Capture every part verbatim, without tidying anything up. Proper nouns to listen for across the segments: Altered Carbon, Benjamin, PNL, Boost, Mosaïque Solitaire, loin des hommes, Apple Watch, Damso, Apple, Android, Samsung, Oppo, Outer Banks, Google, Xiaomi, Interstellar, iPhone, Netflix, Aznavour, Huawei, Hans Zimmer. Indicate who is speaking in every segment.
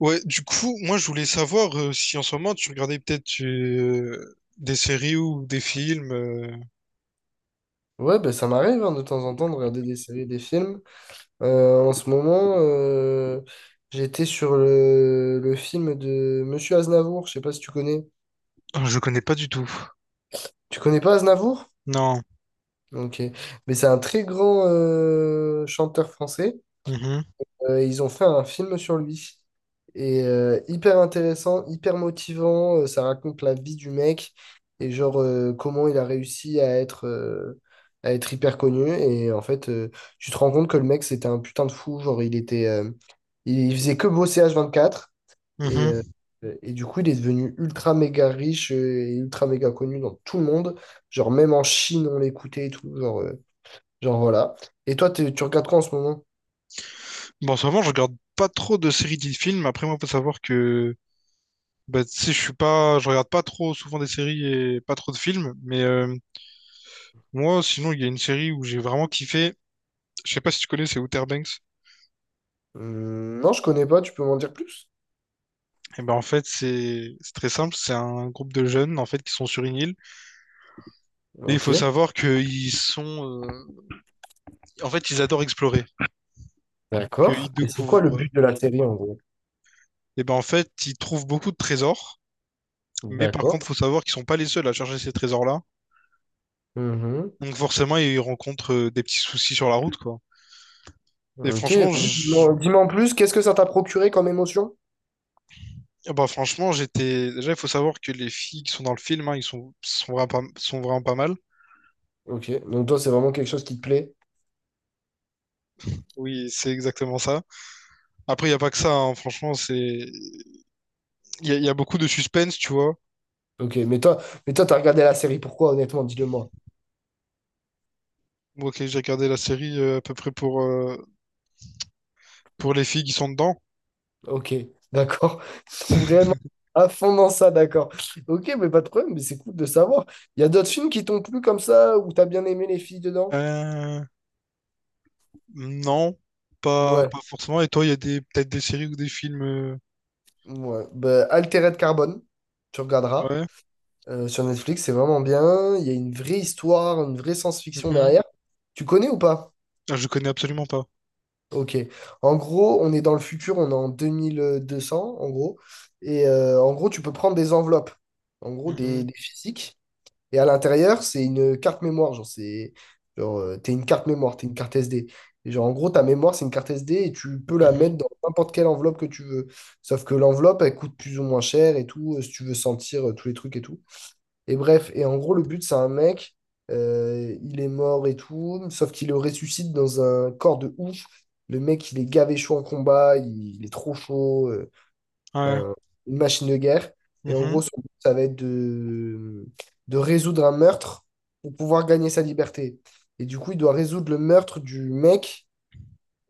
Speaker 1: Ouais, du coup, moi je voulais savoir euh, si en ce moment tu regardais peut-être euh, des séries ou des films. euh.
Speaker 2: Ouais, ben ça m'arrive hein, de temps en temps de regarder des séries, des films. Euh, en ce moment, euh, j'étais sur le, le film de Monsieur Aznavour. Je sais pas si tu connais.
Speaker 1: Ah, je connais pas du tout.
Speaker 2: Tu connais pas Aznavour?
Speaker 1: Non.
Speaker 2: Ok. Mais c'est un très grand euh, chanteur français.
Speaker 1: Mhm,
Speaker 2: Euh, ils ont fait un film sur lui. Et euh, hyper intéressant, hyper motivant. euh, ça raconte la vie du mec et genre euh, comment il a réussi à être, euh, à être hyper connu. Et en fait, euh, tu te rends compte que le mec, c'était un putain de fou. Genre, il était, euh, il il faisait que bosser H vingt-quatre. Et, euh,
Speaker 1: mhm.
Speaker 2: et du coup, il est devenu ultra méga riche, euh, et ultra méga connu dans tout le monde. Genre, même en Chine, on l'écoutait et tout. Genre, euh, genre voilà. Et toi, t'es- tu regardes quoi en ce moment?
Speaker 1: Bon, en ce moment je regarde pas trop de séries ni de films. Après, moi, faut savoir que bah, tu sais, je suis pas, je regarde pas trop souvent des séries et pas trop de films. Mais euh, moi, sinon, il y a une série où j'ai vraiment kiffé. Je sais pas si tu connais, c'est Outer Banks.
Speaker 2: Hmm, non, je connais pas, tu peux m'en dire plus?
Speaker 1: Et ben en fait, c'est c'est très simple. C'est un groupe de jeunes en fait qui sont sur une île. Et il faut
Speaker 2: Ok,
Speaker 1: savoir qu'ils sont euh, en fait, ils adorent explorer,
Speaker 2: d'accord.
Speaker 1: qu'ils
Speaker 2: Et c'est
Speaker 1: découvrent.
Speaker 2: quoi le
Speaker 1: euh,
Speaker 2: but de la série en gros?
Speaker 1: Et ben en fait, ils trouvent beaucoup de trésors, mais par contre,
Speaker 2: D'accord.
Speaker 1: faut savoir qu'ils sont pas les seuls à chercher ces trésors-là.
Speaker 2: Mhm.
Speaker 1: Donc forcément, ils rencontrent euh, des petits soucis sur la route, quoi. Et
Speaker 2: Ok,
Speaker 1: franchement,
Speaker 2: vas-y,
Speaker 1: je-
Speaker 2: dis-moi dis-moi en plus, qu'est-ce que ça t'a procuré comme émotion?
Speaker 1: ah bah franchement, j'étais. Déjà, il faut savoir que les filles qui sont dans le film, hein, ils sont, sont vraiment pas... sont vraiment pas mal.
Speaker 2: Ok, donc toi, c'est vraiment quelque chose qui te plaît.
Speaker 1: Oui, c'est exactement ça. Après, il n'y a pas que ça, hein. Franchement, c'est. Il y a, il y a beaucoup de suspense, tu vois.
Speaker 2: Ok, mais toi, mais toi, t'as regardé la série, pourquoi, honnêtement, dis-le-moi.
Speaker 1: Moi, ok, j'ai regardé la série euh, à peu près pour, euh, pour les filles qui sont dedans.
Speaker 2: Ok, d'accord. Vraiment à fond dans ça, d'accord. Ok, mais pas de problème, mais c'est cool de savoir. Il y a d'autres films qui t'ont plu comme ça, où t'as bien aimé les filles dedans?
Speaker 1: Euh, Non, pas,
Speaker 2: Ouais,
Speaker 1: pas forcément. Et toi, il y a des peut-être des séries ou des films. euh,
Speaker 2: ouais. Bah, Altered Carbone, tu regarderas.
Speaker 1: Ouais.
Speaker 2: euh, sur Netflix, c'est vraiment bien. Il y a une vraie histoire, une vraie science-fiction
Speaker 1: Mhm.
Speaker 2: derrière. Tu connais ou pas?
Speaker 1: Ah, je connais absolument pas.
Speaker 2: Ok. En gros, on est dans le futur, on est en deux mille deux cents, en gros. Et euh, en gros, tu peux prendre des enveloppes, en gros,
Speaker 1: Mhm,
Speaker 2: des, des physiques. Et à l'intérieur, c'est une carte mémoire. Genre, c'est, genre, euh, t'es une carte mémoire, t'es une carte S D. Et genre, en gros, ta mémoire, c'est une carte S D et tu peux la
Speaker 1: mhm,
Speaker 2: mettre dans n'importe quelle enveloppe que tu veux. Sauf que l'enveloppe, elle coûte plus ou moins cher et tout, euh, si tu veux sentir euh, tous les trucs et tout. Et bref, et en gros, le but, c'est un mec, euh, il est mort et tout, sauf qu'il le ressuscite dans un corps de ouf. Le mec, il est gavé chaud en combat, il, il est trop chaud, euh,
Speaker 1: ouais.
Speaker 2: enfin, une machine de guerre. Et en
Speaker 1: Mhm,
Speaker 2: gros, son but, ça va être de, de résoudre un meurtre pour pouvoir gagner sa liberté. Et du coup, il doit résoudre le meurtre du mec,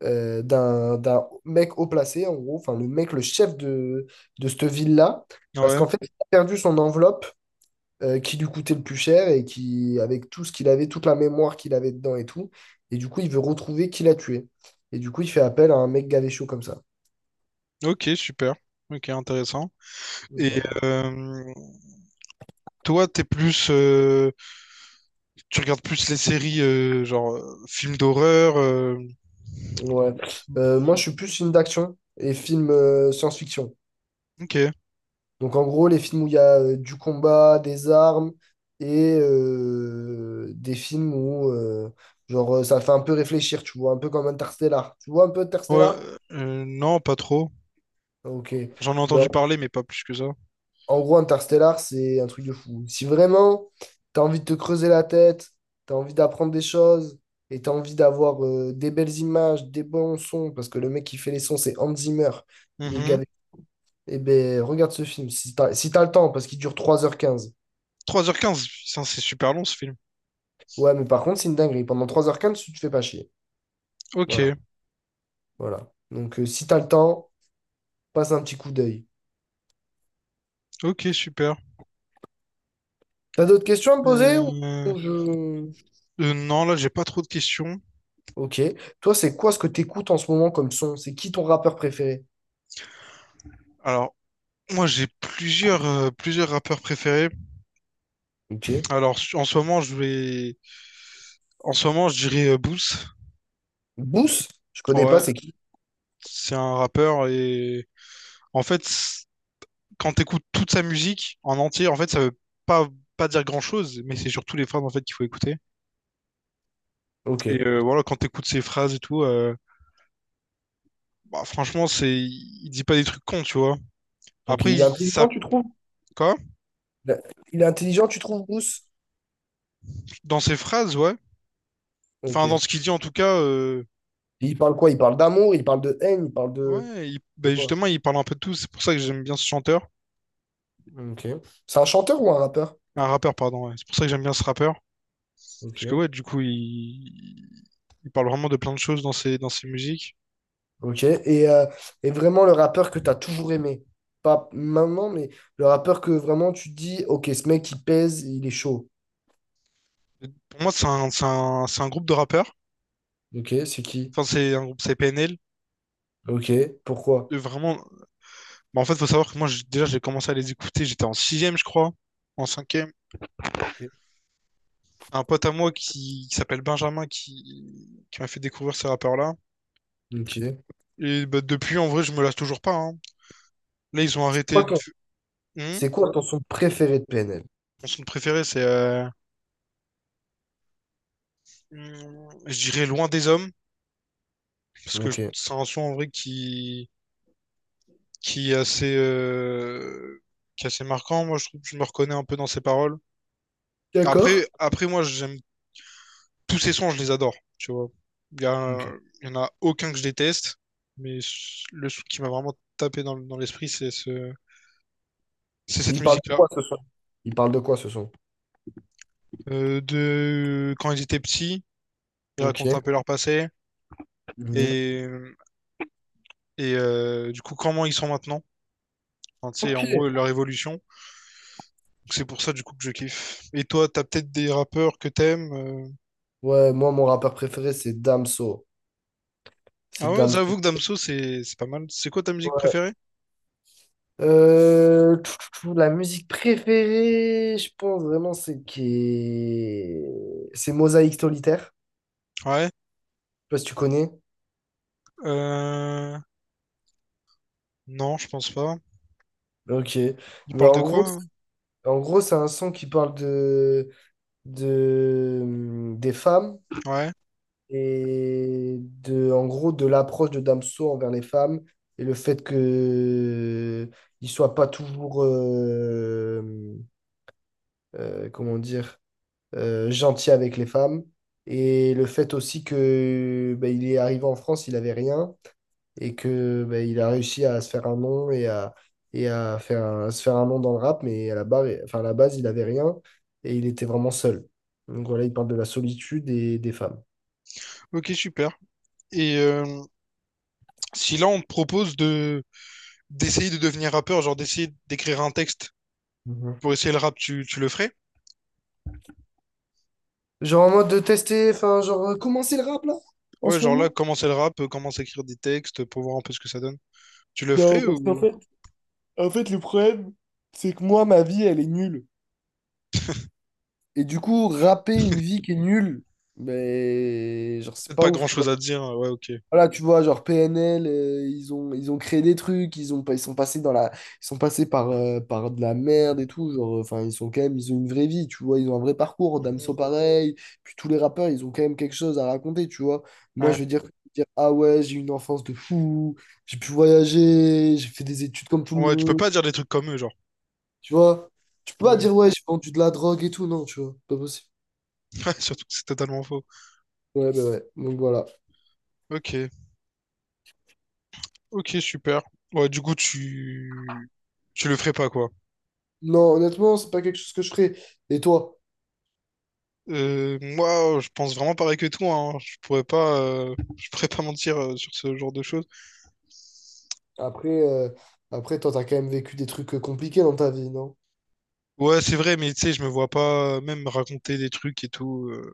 Speaker 2: euh, d'un, d'un mec haut placé, en gros, enfin, le mec, le chef de, de cette ville-là, parce
Speaker 1: ouais.
Speaker 2: qu'en fait, il a perdu son enveloppe, euh, qui lui coûtait le plus cher et qui, avec tout ce qu'il avait, toute la mémoire qu'il avait dedans et tout. Et du coup, il veut retrouver qui l'a tué. Et du coup, il fait appel à un mec gavé chaud comme ça.
Speaker 1: Ok, super. Ok, intéressant. Et
Speaker 2: Voilà.
Speaker 1: euh, toi, t'es plus, euh, tu regardes plus les séries euh, genre euh, films d'horreur. euh,
Speaker 2: Ouais.
Speaker 1: les films
Speaker 2: Euh, moi,
Speaker 1: tristes.
Speaker 2: je suis plus film d'action et film euh, science-fiction.
Speaker 1: Ok. Ouais.
Speaker 2: Donc, en gros, les films où il y a euh, du combat, des armes et euh, des films où, euh, genre, euh, ça fait un peu réfléchir, tu vois, un peu comme Interstellar. Tu vois un peu Interstellar?
Speaker 1: Euh, non, pas trop.
Speaker 2: Ok.
Speaker 1: J'en ai
Speaker 2: Ben,
Speaker 1: entendu parler, mais pas plus que ça.
Speaker 2: en gros, Interstellar, c'est un truc de fou. Si vraiment tu as envie de te creuser la tête, tu as envie d'apprendre des choses et tu as envie d'avoir euh, des belles images, des bons sons, parce que le mec qui fait les sons, c'est Hans Zimmer, il est
Speaker 1: Mhm.
Speaker 2: gavé. Eh ben, regarde ce film, si t'as, si t'as le temps, parce qu'il dure trois heures quinze.
Speaker 1: trois heures quinze, putain, c'est super long ce film.
Speaker 2: Ouais, mais par contre, c'est une dinguerie. Pendant trois heures quinze, tu te fais pas chier.
Speaker 1: Ok.
Speaker 2: Voilà, voilà. Donc, euh, si t'as le temps, passe un petit coup d'œil.
Speaker 1: Ok, super.
Speaker 2: T'as d'autres questions à me poser. ou...
Speaker 1: Euh,
Speaker 2: ou je-
Speaker 1: euh, non, là, j'ai pas trop de questions.
Speaker 2: Ok. Toi, c'est quoi ce que t'écoutes en ce moment comme son? C'est qui ton rappeur préféré?
Speaker 1: Alors, moi, j'ai plusieurs, euh, plusieurs rappeurs préférés.
Speaker 2: Ok.
Speaker 1: Alors, su- en ce moment, je vais, en ce moment, je dirais euh, Boost.
Speaker 2: Bous? Je connais pas,
Speaker 1: Ouais,
Speaker 2: c'est qui?
Speaker 1: c'est un rappeur et en fait, c- quand t'écoutes toute sa musique en entier, en fait, ça veut pas, pas dire grand-chose, mais c'est surtout les phrases en fait qu'il faut écouter.
Speaker 2: Ok,
Speaker 1: Et euh, voilà, quand t'écoutes ses phrases et tout, euh, bah, franchement, c'est, il dit pas des trucs cons, tu vois.
Speaker 2: ok.
Speaker 1: Après,
Speaker 2: Il est
Speaker 1: il, ça,
Speaker 2: intelligent, tu trouves?
Speaker 1: quoi?
Speaker 2: Il a- il est intelligent, tu trouves, Bous?
Speaker 1: Dans ses phrases, ouais.
Speaker 2: Ok.
Speaker 1: Enfin, dans
Speaker 2: Et
Speaker 1: ce qu'il dit en tout cas. euh,
Speaker 2: il parle quoi? Il parle d'amour, il parle de haine, il parle de,
Speaker 1: Ouais, il-
Speaker 2: de
Speaker 1: ben
Speaker 2: quoi?
Speaker 1: justement, il parle un peu de tout. C'est pour ça que j'aime bien ce chanteur.
Speaker 2: Ok. C'est un chanteur ou un rappeur?
Speaker 1: Un rappeur, pardon. Ouais. C'est pour ça que j'aime bien ce rappeur. Parce que,
Speaker 2: Ok.
Speaker 1: ouais, du coup, il, il parle vraiment de plein de choses dans ses, dans ses musiques.
Speaker 2: Ok. Et, euh, et vraiment le rappeur que tu as toujours aimé. Pas maintenant, mais le rappeur que vraiment tu te dis, ok, ce mec, il pèse, il est chaud.
Speaker 1: Et pour moi, c'est un, c'est un, c'est un groupe de rappeurs.
Speaker 2: Ok, c'est qui?
Speaker 1: Enfin, c'est un groupe, c'est P N L.
Speaker 2: Ok. Pourquoi?
Speaker 1: Euh, Vraiment. Bah, en fait, faut savoir que moi, j'ai- déjà, j'ai commencé à les écouter. J'étais en sixième, je crois. En cinquième.
Speaker 2: Ok.
Speaker 1: Un pote à moi qui, qui s'appelle Benjamin qui, qui m'a fait découvrir ces rappeurs-là.
Speaker 2: Ok.
Speaker 1: Et bah, depuis, en vrai, je me lasse toujours pas, hein. Là, ils ont
Speaker 2: Quoi
Speaker 1: arrêté. de-
Speaker 2: ton-
Speaker 1: Hmm.
Speaker 2: C'est quoi ton son préféré de P N L?
Speaker 1: Mon son préféré, c'est. Euh, hum, je dirais loin des hommes, parce que
Speaker 2: Ok.
Speaker 1: c'est un son en vrai qui, qui est assez, euh, qui est assez marquant. Moi, je trouve que je me reconnais un peu dans ses paroles.
Speaker 2: D'accord.
Speaker 1: Après, après moi, j'aime tous ses sons, je les adore, tu vois. Il y
Speaker 2: Ok.
Speaker 1: a, il y en a aucun que je déteste, mais le son qui m'a vraiment tapé dans, dans l'esprit, c'est ce, c'est cette
Speaker 2: Il parle de
Speaker 1: musique-là.
Speaker 2: quoi ce son? Il parle de quoi ce son?
Speaker 1: Euh, de quand ils étaient petits, ils
Speaker 2: Ok.
Speaker 1: racontent un peu leur passé
Speaker 2: Mhm.
Speaker 1: et, et euh, du coup comment ils sont maintenant. Enfin, tu sais,
Speaker 2: Ok.
Speaker 1: en gros, leur évolution. C'est pour ça du coup que je kiffe. Et toi, t'as peut-être des rappeurs que t'aimes. euh.
Speaker 2: Ouais, moi, mon rappeur préféré, c'est Damso.
Speaker 1: Ah
Speaker 2: C'est
Speaker 1: ouais,
Speaker 2: Damso.
Speaker 1: j'avoue que Damso, c'est c'est pas mal. C'est quoi ta musique
Speaker 2: Ouais.
Speaker 1: préférée?
Speaker 2: Euh, tout, tout, tout, la musique préférée, je pense vraiment, c'est qui. C'est Mosaïque Solitaire.
Speaker 1: Ouais.
Speaker 2: Je sais pas si tu connais.
Speaker 1: Euh... Non, je pense pas.
Speaker 2: Ok.
Speaker 1: Il
Speaker 2: Mais
Speaker 1: parle de
Speaker 2: en
Speaker 1: quoi,
Speaker 2: gros,
Speaker 1: hein?
Speaker 2: c'est- en gros, c'est un son qui parle de, de, hum, des femmes.
Speaker 1: Ouais.
Speaker 2: Et de, en gros de l'approche de Damso envers les femmes et le fait que il soit pas toujours euh, euh, comment dire, euh, gentil avec les femmes et le fait aussi que bah, il est arrivé en France, il avait rien et que bah, il a réussi à se faire un nom et à et à faire un- à se faire un nom dans le rap, mais à la barre, enfin à la base, il avait rien et il était vraiment seul, donc voilà, il parle de la solitude et des femmes.
Speaker 1: Ok, super. Et euh, si là on te propose de d'essayer de devenir rappeur, genre d'essayer d'écrire un texte
Speaker 2: Mhm.
Speaker 1: pour essayer le rap, tu, tu le ferais?
Speaker 2: Genre en mode de tester, enfin, genre euh, commencer le rap là, en
Speaker 1: Ouais,
Speaker 2: ce
Speaker 1: genre là,
Speaker 2: moment?
Speaker 1: commencer le rap, euh, commencer à écrire des textes pour voir un peu ce que ça donne. Tu le
Speaker 2: Non,
Speaker 1: ferais
Speaker 2: parce qu'en
Speaker 1: ou
Speaker 2: fait, en fait, le problème, c'est que moi, ma vie, elle est nulle. Et du coup, rapper une vie qui est nulle, mais genre c'est
Speaker 1: peut-être
Speaker 2: pas
Speaker 1: pas
Speaker 2: ouf, tu vois.
Speaker 1: grand-chose à dire, hein? Ouais, ok.
Speaker 2: Voilà, tu vois, genre P N L, euh, ils ont, ils ont créé des trucs, ils ont, pas- ils sont passés dans la, ils sont passés par, euh, par de la merde et tout, genre, euh, enfin, ils sont quand même, ils ont une vraie vie, tu vois, ils ont un vrai parcours, Damso
Speaker 1: Mhm.
Speaker 2: pareil, puis tous les rappeurs, ils ont quand même quelque chose à raconter, tu vois. Moi,
Speaker 1: Ouais.
Speaker 2: je veux dire, dire, ah ouais, j'ai eu une enfance de fou, j'ai pu voyager, j'ai fait des études comme tout le
Speaker 1: Ouais, tu peux
Speaker 2: monde,
Speaker 1: pas dire des trucs comme eux, genre.
Speaker 2: tu vois. Tu peux pas
Speaker 1: Ouais.
Speaker 2: dire, ouais, j'ai vendu de la drogue et tout, non, tu vois, pas possible.
Speaker 1: Ouais, surtout que c'est totalement faux.
Speaker 2: Ouais, bah ouais, donc voilà.
Speaker 1: Ok, ok, super. Ouais, du coup, tu, tu le ferais pas, quoi.
Speaker 2: Non, honnêtement, c'est pas quelque chose que je ferais. Et toi?
Speaker 1: Euh, moi, je pense vraiment pareil que toi, hein. Je pourrais pas, euh, je pourrais pas mentir euh, sur ce genre de choses.
Speaker 2: Après, euh, après toi, t'as quand même vécu des trucs euh, compliqués dans ta vie, non?
Speaker 1: Ouais, c'est vrai, mais tu sais, je me vois pas euh, même raconter des trucs et tout. euh.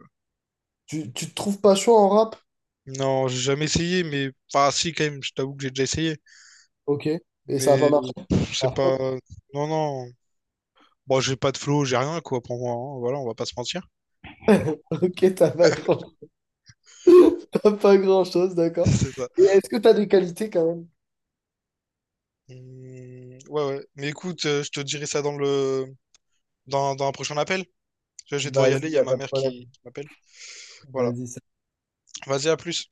Speaker 2: Tu, tu te trouves pas chaud en rap?
Speaker 1: Non, j'ai jamais essayé, mais enfin, si quand même. Je t'avoue que j'ai déjà essayé,
Speaker 2: Ok. Et ça a pas
Speaker 1: mais
Speaker 2: marché?
Speaker 1: euh,
Speaker 2: Ça
Speaker 1: c'est
Speaker 2: a pas-
Speaker 1: pas. Non, non. Bon, j'ai pas de flow, j'ai rien, quoi, pour moi, hein. Voilà, on va pas se mentir.
Speaker 2: Ok, t'as pas grand... t'as pas grand-chose, d'accord.
Speaker 1: C'est ça.
Speaker 2: Et est-ce que t'as des qualités quand même?
Speaker 1: Hum, ouais, ouais. Mais écoute, euh, je te dirai ça dans le dans, dans un prochain appel. Je je vais devoir y aller,
Speaker 2: Vas-y,
Speaker 1: il y
Speaker 2: y
Speaker 1: a
Speaker 2: a
Speaker 1: ma
Speaker 2: pas de
Speaker 1: mère qui
Speaker 2: problème.
Speaker 1: qui m'appelle. Voilà.
Speaker 2: Vas-y,
Speaker 1: Vas-y, à plus.